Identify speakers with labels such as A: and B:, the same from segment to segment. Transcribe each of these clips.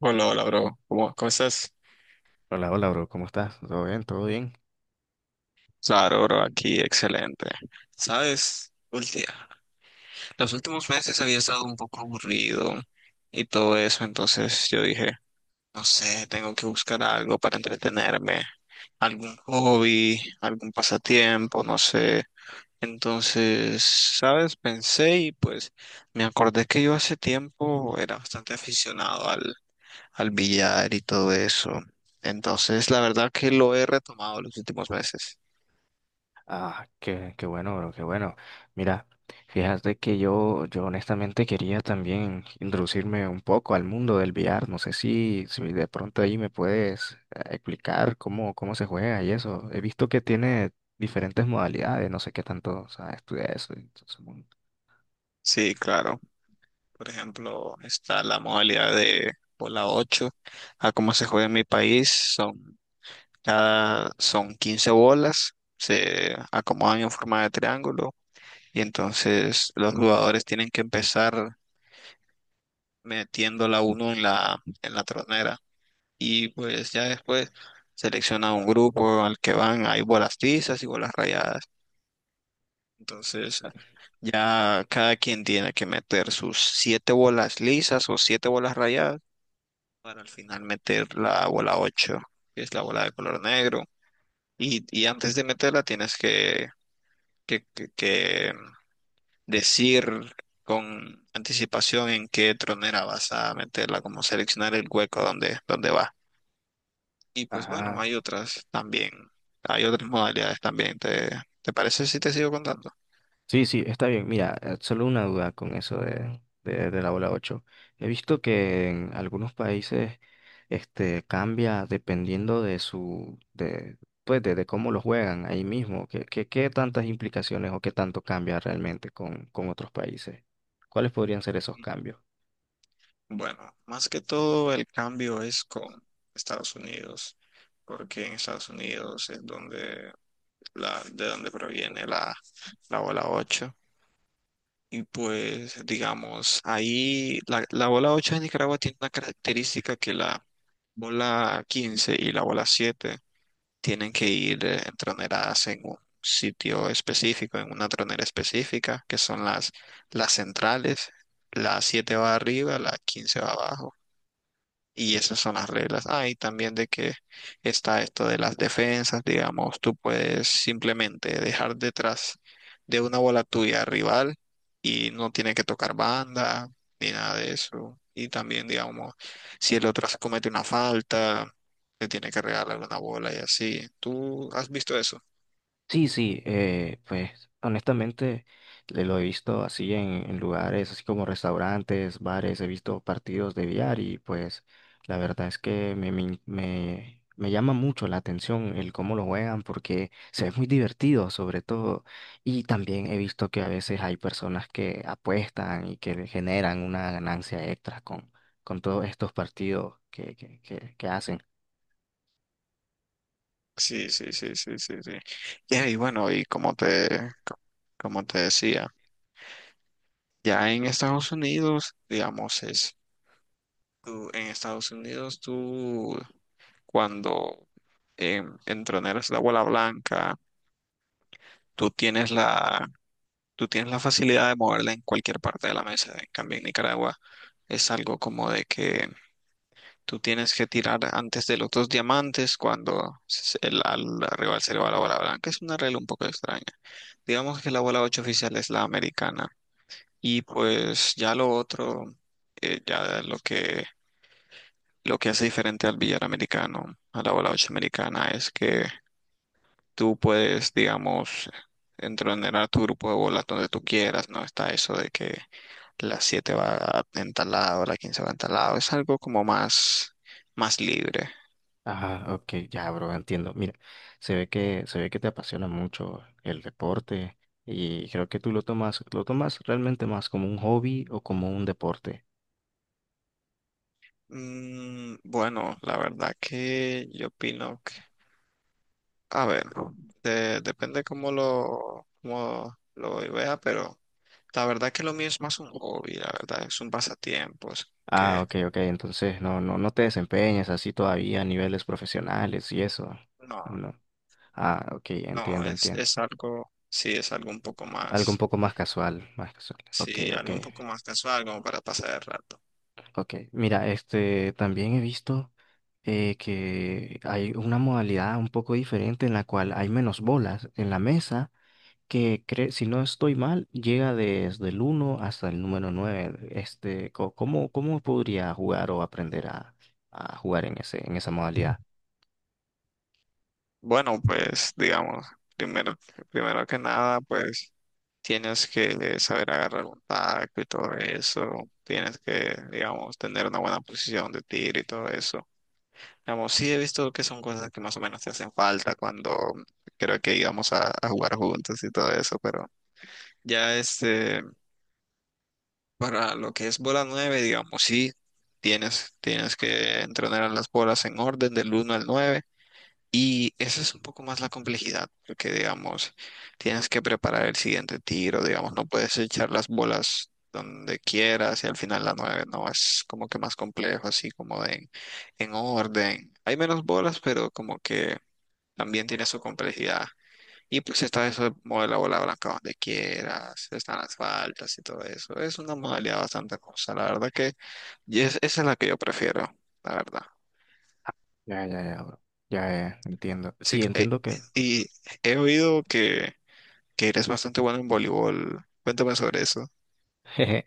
A: Hola, hola, bro. ¿Cómo estás?
B: Hola, hola, bro, ¿cómo estás? ¿Todo bien? ¿Todo bien?
A: Claro, bro, aquí, excelente. Sabes, los últimos meses había estado un poco aburrido y todo eso, entonces yo dije, no sé, tengo que buscar algo para entretenerme, algún hobby, algún pasatiempo, no sé. Entonces, sabes, pensé y pues me acordé que yo hace tiempo era bastante aficionado al billar y todo eso. Entonces, la verdad que lo he retomado los últimos meses.
B: Ah, qué bueno, bro, qué bueno. Mira, fíjate que yo honestamente quería también introducirme un poco al mundo del VR. No sé si de pronto ahí me puedes explicar cómo se juega y eso. He visto que tiene diferentes modalidades, no sé qué tanto, o sea estudia eso. Entonces, bueno.
A: Sí, claro. Por ejemplo, está la modalidad de bola 8 a cómo se juega en mi país, son son 15 bolas, se acomodan en forma de triángulo y entonces los jugadores tienen que empezar metiendo la uno en la tronera y pues ya después selecciona un grupo al que van, hay bolas tizas y bolas rayadas. Entonces, ya cada quien tiene que meter sus siete bolas lisas o siete bolas rayadas para al final meter la bola 8 que es la bola de color negro. Y antes de meterla tienes que decir con anticipación en qué tronera vas a meterla, como seleccionar el hueco donde va. Y pues bueno,
B: Ajá.
A: hay otras modalidades también. Te parece si te sigo contando?
B: Sí, sí, está bien. Mira, solo una duda con eso de la bola 8. He visto que en algunos países este, cambia dependiendo de su, pues de cómo lo juegan ahí mismo. ¿Qué, qué tantas implicaciones o qué tanto cambia realmente con otros países? ¿Cuáles podrían ser esos cambios?
A: Bueno, más que todo el cambio es con Estados Unidos, porque en Estados Unidos es donde de donde proviene la bola ocho. Y pues, digamos, ahí la bola 8 de Nicaragua tiene una característica que la bola 15 y la bola 7 tienen que ir entroneradas en un sitio específico, en una tronera específica, que son las centrales. La 7 va arriba, la 15 va abajo y esas son las reglas. Ah, y también de que está esto de las defensas, digamos, tú puedes simplemente dejar detrás de una bola tuya al rival y no tiene que tocar banda ni nada de eso. Y también, digamos, si el otro se comete una falta, le tiene que regalar una bola y así. ¿Tú has visto eso?
B: Sí, sí, pues honestamente lo he visto así en lugares, así como restaurantes, bares, he visto partidos de billar y pues la verdad es que me llama mucho la atención el cómo lo juegan porque se ve muy divertido sobre todo, y también he visto que a veces hay personas que apuestan y que generan una ganancia extra con todos estos partidos que hacen.
A: Sí, sí, sí, sí, sí, sí. Ya, y bueno, y como te decía, ya en Estados Unidos, digamos, es tú, en Estados Unidos, tú cuando entroneras la bola blanca, tú tienes la, tú tienes la facilidad de moverla en cualquier parte de la mesa. En cambio, en Nicaragua es algo como de que tú tienes que tirar antes de los dos diamantes cuando al rival se le va la bola blanca. Es una regla un poco extraña. Digamos que la bola ocho oficial es la americana. Y pues ya lo otro. eh, ya lo que Lo que hace diferente al billar americano, a la bola 8 americana, es que tú puedes, digamos, entrenar tu grupo de bolas donde tú quieras, no está eso de que la 7 va en tal lado, la 15 va en tal lado, es algo como más libre.
B: Ah, ok, ya, bro, entiendo. Mira, se ve que te apasiona mucho el deporte, y creo que tú lo tomas realmente más como un hobby o como un deporte.
A: Bueno, la verdad que yo opino que, a ver, depende cómo lo vea, pero la verdad que lo mío es más un hobby, la verdad, es un pasatiempo, es que
B: Ah, ok, ok, entonces no, no, no te desempeñas así todavía a niveles profesionales y eso.
A: no.
B: No. Ah, ok,
A: No,
B: entiendo,
A: es,
B: entiendo.
A: es algo, sí, es algo un poco
B: Algo un
A: más,
B: poco más casual, más casual. Ok,
A: sí,
B: ok,
A: algo un poco más casual, como para pasar el rato.
B: ok. Mira, este, también he visto que hay una modalidad un poco diferente en la cual hay menos bolas en la mesa que si no estoy mal, llega desde el uno hasta el número nueve. Este, ¿cómo, cómo podría jugar o aprender a jugar en ese, en esa modalidad?
A: Bueno, pues, digamos, primero, primero que nada, pues, tienes que saber agarrar un taco y todo eso. Tienes que, digamos, tener una buena posición de tiro y todo eso. Digamos, sí he visto que son cosas que más o menos te hacen falta cuando creo que íbamos a jugar juntos y todo eso, pero ya este. Para lo que es bola 9 digamos, sí, tienes que entrenar a las bolas en orden del uno al 9 y esa es un poco más la complejidad, porque digamos, tienes que preparar el siguiente tiro, digamos, no puedes echar las bolas donde quieras y al final la 9 no, es como que más complejo, así como de en orden. Hay menos bolas, pero como que también tiene su complejidad. Y pues está eso de mover la bola blanca donde quieras, están las faltas y todo eso. Es una modalidad bastante cosa, la verdad que y esa es la que yo prefiero, la verdad.
B: Ya, ya, ya, bro. Ya, ya, entiendo.
A: Sí,
B: Sí, entiendo que
A: y he oído que eres bastante bueno en voleibol. Cuéntame sobre eso.
B: Jeje.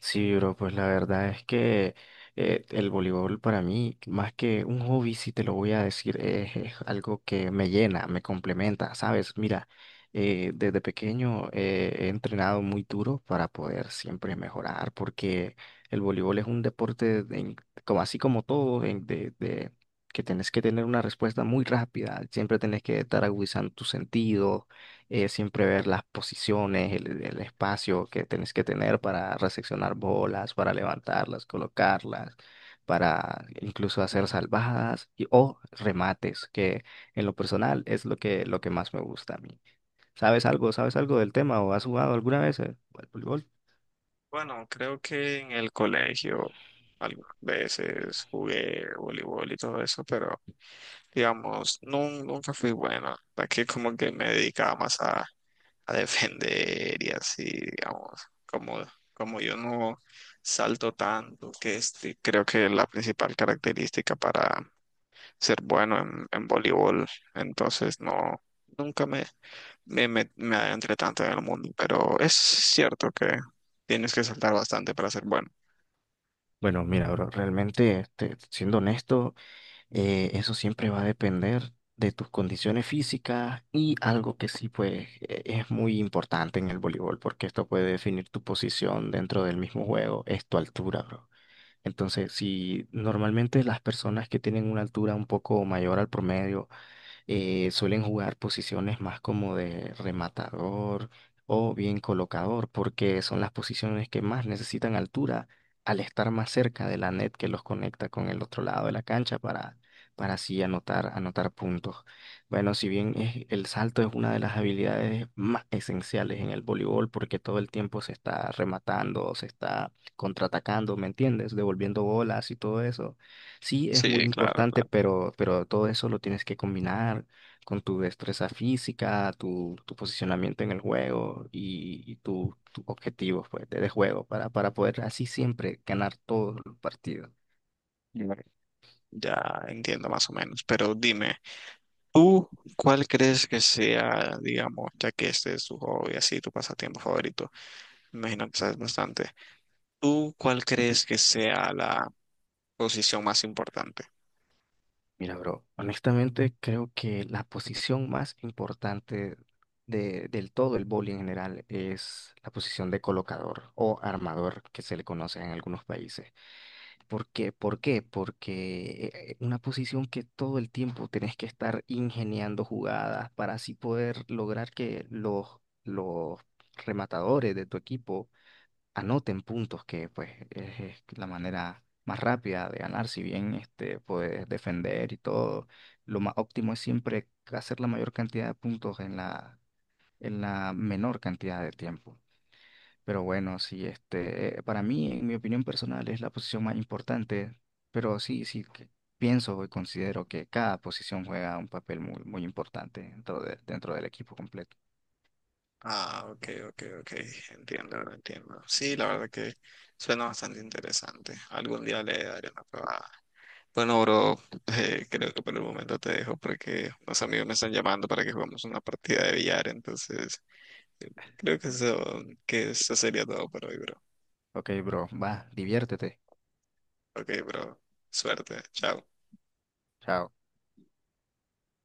B: Sí, bro, pues la verdad es que el voleibol para mí, más que un hobby, si te lo voy a decir, es algo que me llena, me complementa, ¿sabes? Mira, desde pequeño he entrenado muy duro para poder siempre mejorar, porque el voleibol es un deporte, como así como todo, que tienes que tener una respuesta muy rápida, siempre tienes que estar agudizando tu sentido, siempre ver las posiciones, el espacio que tenés que tener para reseccionar bolas, para levantarlas, colocarlas, para incluso hacer salvadas y, o remates, que en lo personal es lo que más me gusta a mí. ¿Sabes algo? ¿Sabes algo del tema o has jugado alguna vez al voleibol?
A: Bueno, creo que en el colegio algunas veces jugué voleibol y todo eso, pero digamos, nunca fui buena. Aquí como que me dedicaba más a defender y así, digamos, como yo no salto tanto, que este, creo que es la principal característica para ser bueno en voleibol, entonces no, nunca me adentré tanto en el mundo, pero es cierto que tienes que saltar bastante para ser bueno.
B: Bueno, mira, bro, realmente, este, siendo honesto, eso siempre va a depender de tus condiciones físicas, y algo que sí, pues, es muy importante en el voleibol, porque esto puede definir tu posición dentro del mismo juego, es tu altura, bro. Entonces, si normalmente las personas que tienen una altura un poco mayor al promedio suelen jugar posiciones más como de rematador o bien colocador, porque son las posiciones que más necesitan altura al estar más cerca de la net que los conecta con el otro lado de la cancha para así anotar, anotar puntos. Bueno, si bien el salto es una de las habilidades más esenciales en el voleibol, porque todo el tiempo se está rematando, se está contraatacando, ¿me entiendes? Devolviendo bolas y todo eso. Sí, es muy
A: Sí, claro,
B: importante,
A: claro.
B: pero todo eso lo tienes que combinar con tu destreza física, tu posicionamiento en el juego y tu objetivo, pues, de juego para poder así siempre ganar todos los partidos.
A: Ya, ya entiendo más o menos, pero dime, ¿tú cuál crees que sea, digamos, ya que este es tu hobby, así tu pasatiempo favorito? Me imagino que sabes bastante. ¿Tú cuál crees que sea la posición más importante?
B: Mira, bro, honestamente creo que la posición más importante del todo el vóley en general es la posición de colocador o armador, que se le conoce en algunos países. ¿Por qué? ¿Por qué? Porque una posición que todo el tiempo tenés que estar ingeniando jugadas para así poder lograr que los rematadores de tu equipo anoten puntos, que pues es la manera más rápida de ganar, si bien este, puedes defender y todo. Lo más óptimo es siempre hacer la mayor cantidad de puntos en la menor cantidad de tiempo. Pero bueno, sí, este, para mí, en mi opinión personal, es la posición más importante, pero sí, sí, que pienso y considero que cada posición juega un papel muy, muy importante dentro del equipo completo.
A: Ah, ok, ok, ok. Entiendo, entiendo. Sí, la verdad que suena bastante interesante. Algún día le daré una probada. Bueno, bro, creo que por el momento te dejo porque unos amigos me están llamando para que juguemos una partida de billar. Entonces, eh, creo que eso sería todo por hoy, bro.
B: Ok, bro, va, diviértete.
A: Ok, bro. Suerte. Chao.
B: Chao.